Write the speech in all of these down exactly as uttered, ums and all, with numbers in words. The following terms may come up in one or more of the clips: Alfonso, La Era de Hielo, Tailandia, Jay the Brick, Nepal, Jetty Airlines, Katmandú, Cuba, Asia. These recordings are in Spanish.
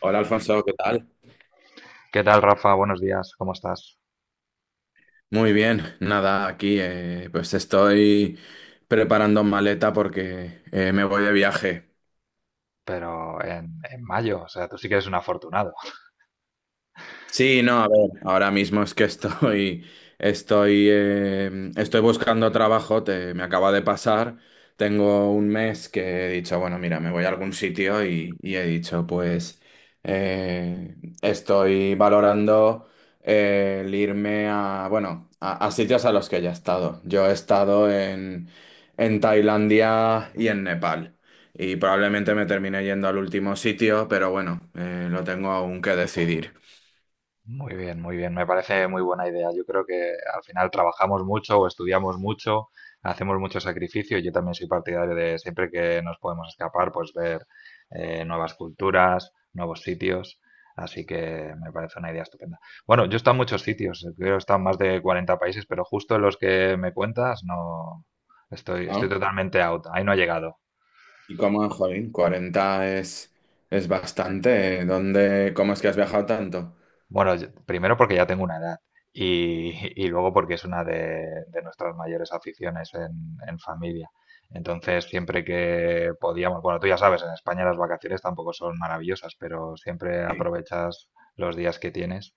Hola Alfonso, ¿qué tal? ¿Qué tal, Rafa? Buenos días, ¿cómo estás? Muy bien, nada, aquí eh, pues estoy preparando maleta porque eh, me voy de viaje. Pero en, en mayo, o sea, tú sí que eres un afortunado. Sí, no, a ver, ahora mismo es que estoy, estoy, eh, estoy buscando trabajo, te- me acaba de pasar, tengo un mes que he dicho, bueno, mira, me voy a algún sitio y, y he dicho, pues eh, estoy valorando eh, el irme a, bueno, a, a sitios a los que ya he estado. Yo he estado en, en Tailandia y en Nepal. Y probablemente me termine yendo al último sitio, pero bueno, eh, lo tengo aún que decidir. Muy bien, muy bien, me parece muy buena idea. Yo creo que al final trabajamos mucho o estudiamos mucho, hacemos mucho sacrificio. Yo también soy partidario de siempre que nos podemos escapar, pues ver eh, nuevas culturas, nuevos sitios. Así que me parece una idea estupenda. Bueno, yo he estado en muchos sitios, eh, creo que he estado en más de cuarenta países, pero justo en los que me cuentas, no estoy, estoy ¿No? totalmente out. Ahí no he llegado. Y cómo, jolín, cuarenta es, es bastante, ¿eh? ¿Dónde, cómo es que has viajado tanto? Bueno, yo- primero porque ya tengo una edad y, y luego porque es una de, de nuestras mayores aficiones en, en familia. Entonces, siempre que podíamos, bueno, tú ya sabes, en España las vacaciones tampoco son maravillosas, pero siempre aprovechas los días que tienes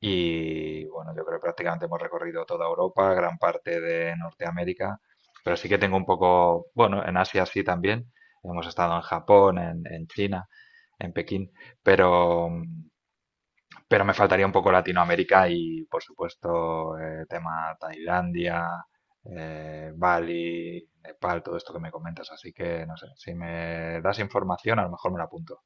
y bueno, yo creo que prácticamente hemos recorrido toda Europa, gran parte de Norteamérica, pero sí que tengo un poco, bueno, en Asia sí también. Hemos estado en Japón, en, en China, en Pekín, pero, mm, pero me faltaría un poco Latinoamérica y, por supuesto, eh, tema Tailandia, eh, Bali, Nepal, todo esto que me comentas. Así que, no sé, si me das información, a lo mejor me la apunto.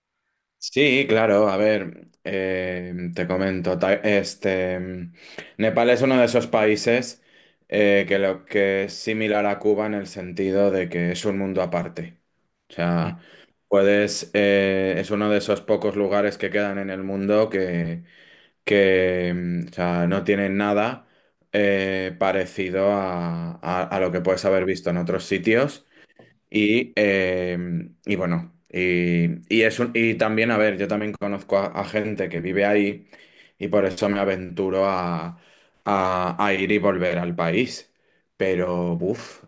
Sí, claro, a ver, eh, te comento, ta- este, mm, Nepal es uno de esos países eh, que lo que es similar a Cuba en el sentido de que es un mundo aparte. O sea, puedes, eh, es uno de esos pocos lugares que quedan en el mundo que mm, o sea, no tienen nada eh, parecido a, a- a lo que puedes haber visto en otros sitios. Y, eh, y bueno, y, y es un... y también, a ver, yo también conozco a, a gente que vive ahí y por eso me aventuro a, a- a ir y volver al país. Pero, uff,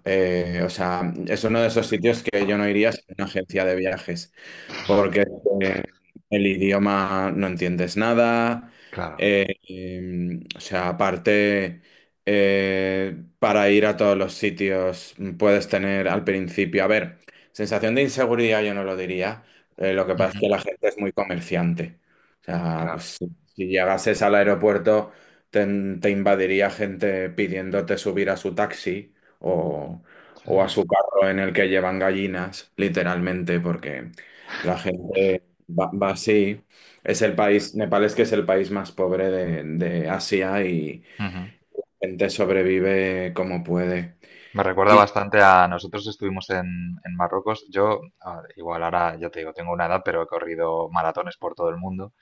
o sea, es uno de esos sitios que yo no iría sin una agencia de viajes porque eh, el idioma no entiendes nada. Claro, eh, em, O sea, aparte, eh, para ir a todos los sitios puedes tener al principio, a ver, sensación de inseguridad yo no lo diría. Eh, lo que pasa es ujú, que la gente es muy comerciante. O sea, pues claro. si, si llegases al aeropuerto, te, te invadiría gente pidiéndote subir a su taxi o Sí, o a sí. su carro en el que llevan gallinas, literalmente, porque la gente va, va así. Es el país, Nepal es que es el país más pobre de, de Asia y Ujú. gente sobrevive como puede. Me recuerda Y, bastante a nosotros estuvimos en, en Marruecos. Yo, ah, igual ahora ya te digo, tengo una edad, pero he corrido maratones por todo el mundo.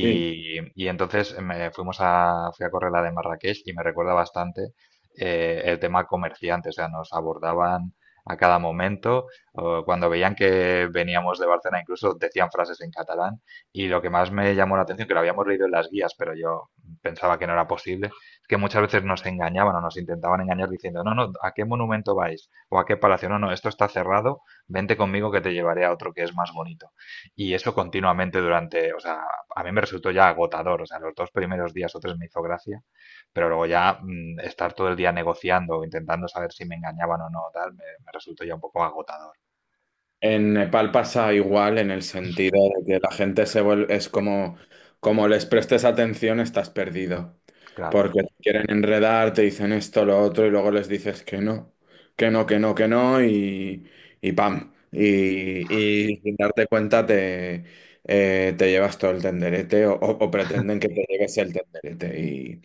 y y entonces eh, me fuimos a, fui a correr la de Marrakech y me recuerda bastante eh, el tema comerciante. O sea, nos abordaban a cada momento. O cuando veían que veníamos de Barcelona, incluso decían frases en catalán. Y lo que más me llamó la atención, que lo habíamos leído en las guías, pero yo pensaba que no era posible, que muchas veces nos engañaban o nos intentaban engañar diciendo, no, no, ¿a qué monumento vais? O ¿a qué palacio? No, no, esto está cerrado, vente conmigo que te llevaré a otro que es más bonito. Y eso continuamente durante, o sea, a mí me resultó ya agotador, o sea, los dos primeros días o tres me hizo gracia, pero luego ya mm, estar todo el día negociando, intentando saber si me engañaban o no, tal, me, me resultó ya un poco agotador, en Nepal pasa igual en el sentido de que la gente se vuelve, es como, como les prestes atención, estás perdido. claro. Porque te quieren enredar, te dicen esto, lo otro, y luego les dices que no, que no, que no, que no, y, y pam. Y, y sin darte cuenta te, eh, te llevas todo el tenderete o, o- o pretenden que te lleves el tenderete. Y,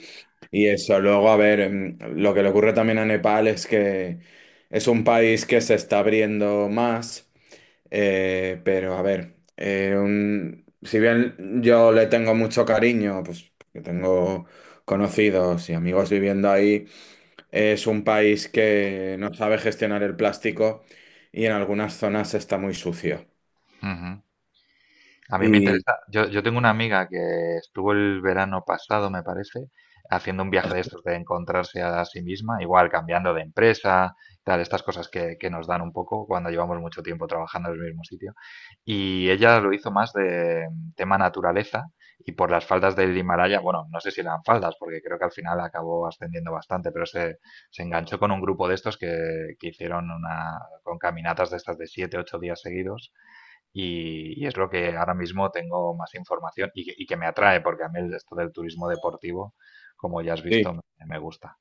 y eso, luego, a ver, em, lo que le ocurre también a Nepal es que es un país que se está abriendo más. Eh, pero a ver, eh, un- si bien yo le tengo mucho cariño, pues que tengo conocidos y amigos viviendo ahí, es un país que no sabe gestionar el plástico y en algunas zonas está muy sucio. Ujú. A mí me Y interesa. Yo, yo tengo una amiga que estuvo el verano pasado, me parece, haciendo un viaje de estos de encontrarse a sí misma, igual cambiando de empresa, tal, estas cosas que, que nos dan un poco cuando llevamos mucho tiempo trabajando en el mismo sitio. Y ella lo hizo más de mm, tema naturaleza y por las faldas del Himalaya, bueno, no sé si eran faldas, porque creo que al final acabó ascendiendo bastante, pero se, se enganchó con un grupo de estos que, que hicieron una, con caminatas de estas de siete, ocho días seguidos y, y es lo que ahora mismo tengo más información y que, y que me atrae, porque a mí el- esto del turismo deportivo, como ya has sí, visto, me, me gusta.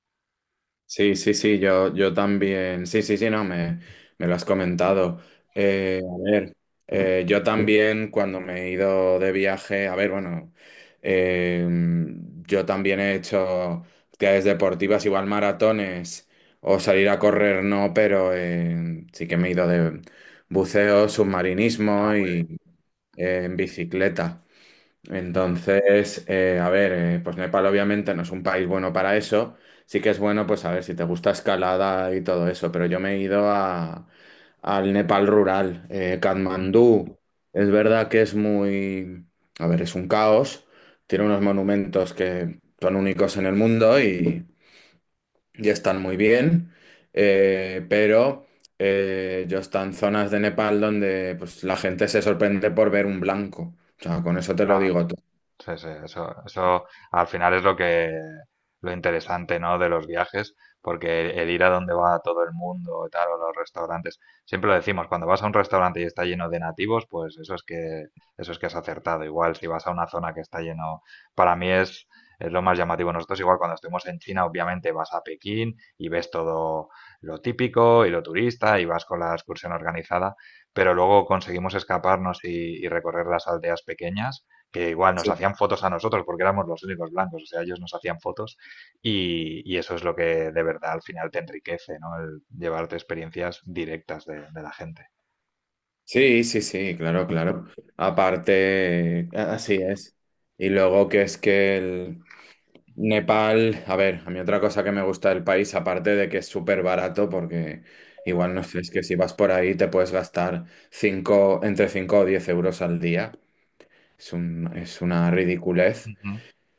sí, sí, sí, yo, yo también. Sí, sí, sí, no, me, me lo has comentado. Eh, a ver, eh, yo también cuando me he ido de viaje, a ver, bueno, eh, yo también he hecho actividades deportivas, igual maratones o salir a correr, no, pero eh, sí que me he ido de buceo, Ah, submarinismo muy bien. y eh, en bicicleta. Mm, Entonces, eh, a ver, eh, pues Nepal obviamente no es un país bueno para eso. Sí que es bueno, pues a ver, si te gusta escalada y todo eso, pero yo me he ido a, al Nepal rural. Eh, mm. Katmandú, es verdad que es muy, a ver, es un caos. Tiene unos monumentos que son únicos en el mundo y, y están muy bien. Eh, pero eh, yo estoy en zonas de Nepal donde pues, la gente se sorprende por ver un blanco. O sea, con eso te lo Claro. digo todo. Sí, sí, eso, eso al final es lo que lo interesante, ¿no? De los viajes, porque el ir a donde va todo el mundo y tal, o los restaurantes, siempre lo decimos, cuando vas a un restaurante y está lleno de nativos, pues eso es que eso es que has acertado. Igual si vas a una zona que está lleno, para mí es es lo más llamativo. Nosotros igual cuando estemos en China, obviamente vas a Pekín y ves todo lo típico y lo turista y vas con la excursión organizada, pero luego conseguimos escaparnos y, y recorrer las aldeas pequeñas que igual nos Sí. hacían fotos a nosotros porque éramos los únicos blancos, o sea, ellos nos hacían fotos y, y eso es lo que de verdad al final te enriquece, ¿no? El llevarte experiencias directas de, de la gente. Sí, sí, sí, claro, claro. Aparte, a- así es. Y luego que es que el Nepal, a ver, a mí otra cosa que me gusta del país, aparte de que es súper barato, porque igual no sé, es que si vas por ahí te puedes gastar cinco, entre cinco o diez euros al día. Es un, es una ridiculez. Ujú,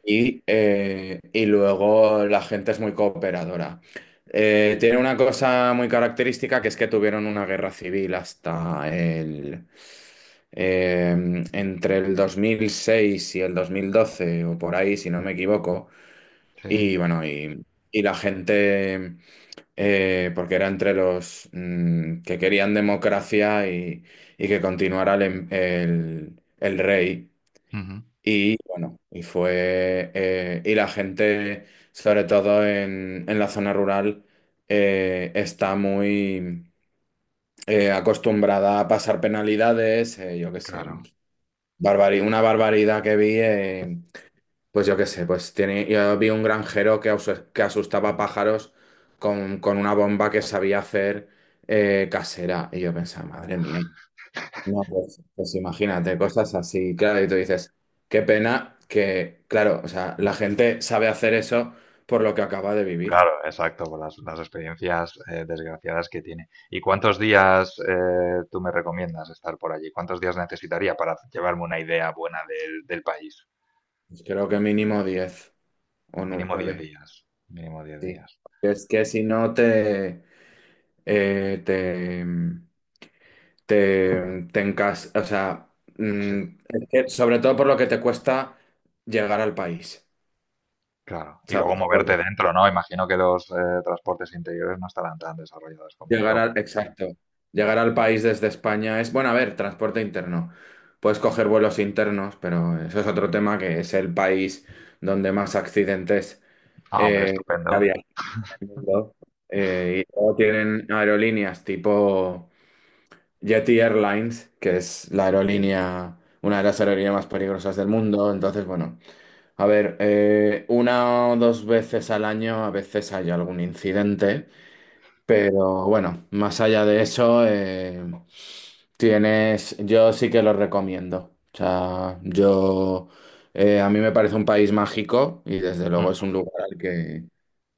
Y, eh, y luego la gente es muy cooperadora. Eh, tiene una cosa muy característica que es que tuvieron una guerra civil hasta el... eh, entre el dos mil seis y el dos mil doce o por ahí, si no me equivoco. sí, Y bueno, y, y la gente, eh, porque era entre los mm, que querían democracia y, y que continuara el, em- el el rey. ujú, Y bueno, y fue. Eh, y la gente, sobre todo en, en la zona rural, eh, está muy eh, acostumbrada a pasar penalidades, eh, yo qué sé, claro. barbari- una barbaridad que vi, eh, pues yo qué sé, pues tiene, yo vi un granjero que, asu- que asustaba pájaros con, con una bomba que sabía hacer eh, casera. Y yo pensaba, A ver, madre mía. No, pues, pues imagínate, cosas así, claro, y tú dices, qué pena que, claro, o sea, la gente sabe hacer eso por lo que acaba de vivir. claro, exacto, por las, las experiencias eh, desgraciadas que tiene. ¿Y cuántos días eh, tú me recomiendas estar por allí? ¿Cuántos días necesitaría para llevarme una idea buena del, del país? Pues creo que mínimo diez o Mínimo diez nueve, días, mínimo diez sí. días. Es que si no te, eh, te, te, te encas, o sea, Sí. mm, es que sobre todo por lo que te cuesta llegar al país, Claro. Y luego ¿sabes? moverte dentro, ¿no? Imagino que los eh, transportes interiores no estarán tan desarrollados como en Llegar Europa. al, exacto. Llegar al país desde España es, bueno, a ver, transporte interno. Puedes coger vuelos internos, pero eso es otro tema que es el país donde más accidentes Ah, hombre, eh, estupendo. había en el mundo. Eh, y luego tienen aerolíneas tipo Jetty Airlines, que es la aerolínea, una de las aerolíneas más peligrosas del mundo. Entonces, bueno, a ver, eh, una o dos veces al año a veces hay algún incidente. Pero bueno, más allá de eso, eh, tienes, yo sí que lo recomiendo. O sea, yo, eh, a mí me parece un país mágico y desde Mm. luego es un lugar al que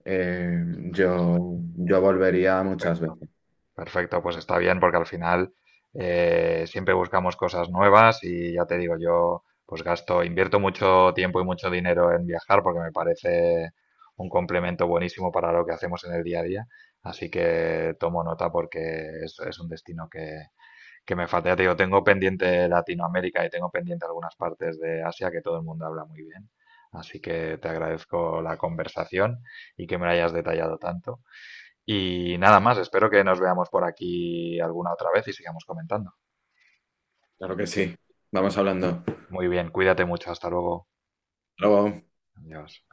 eh, yo, yo volvería muchas Perfecto. veces. Perfecto, pues está bien porque al final eh, siempre buscamos cosas nuevas y ya te digo, yo pues gasto, invierto mucho tiempo y mucho dinero en viajar porque me parece un complemento buenísimo para lo que hacemos en el día a día. Así que tomo nota porque es, es un destino que, que me falta, ya te digo, tengo pendiente Latinoamérica y tengo pendiente algunas partes de Asia que todo el mundo habla muy bien. Así que te agradezco la conversación y que me la hayas detallado tanto. Y nada más, espero que nos veamos por aquí alguna otra vez y sigamos comentando. Claro que sí. Vamos hablando. Hasta Muy bien, cuídate mucho, hasta luego. luego. Adiós.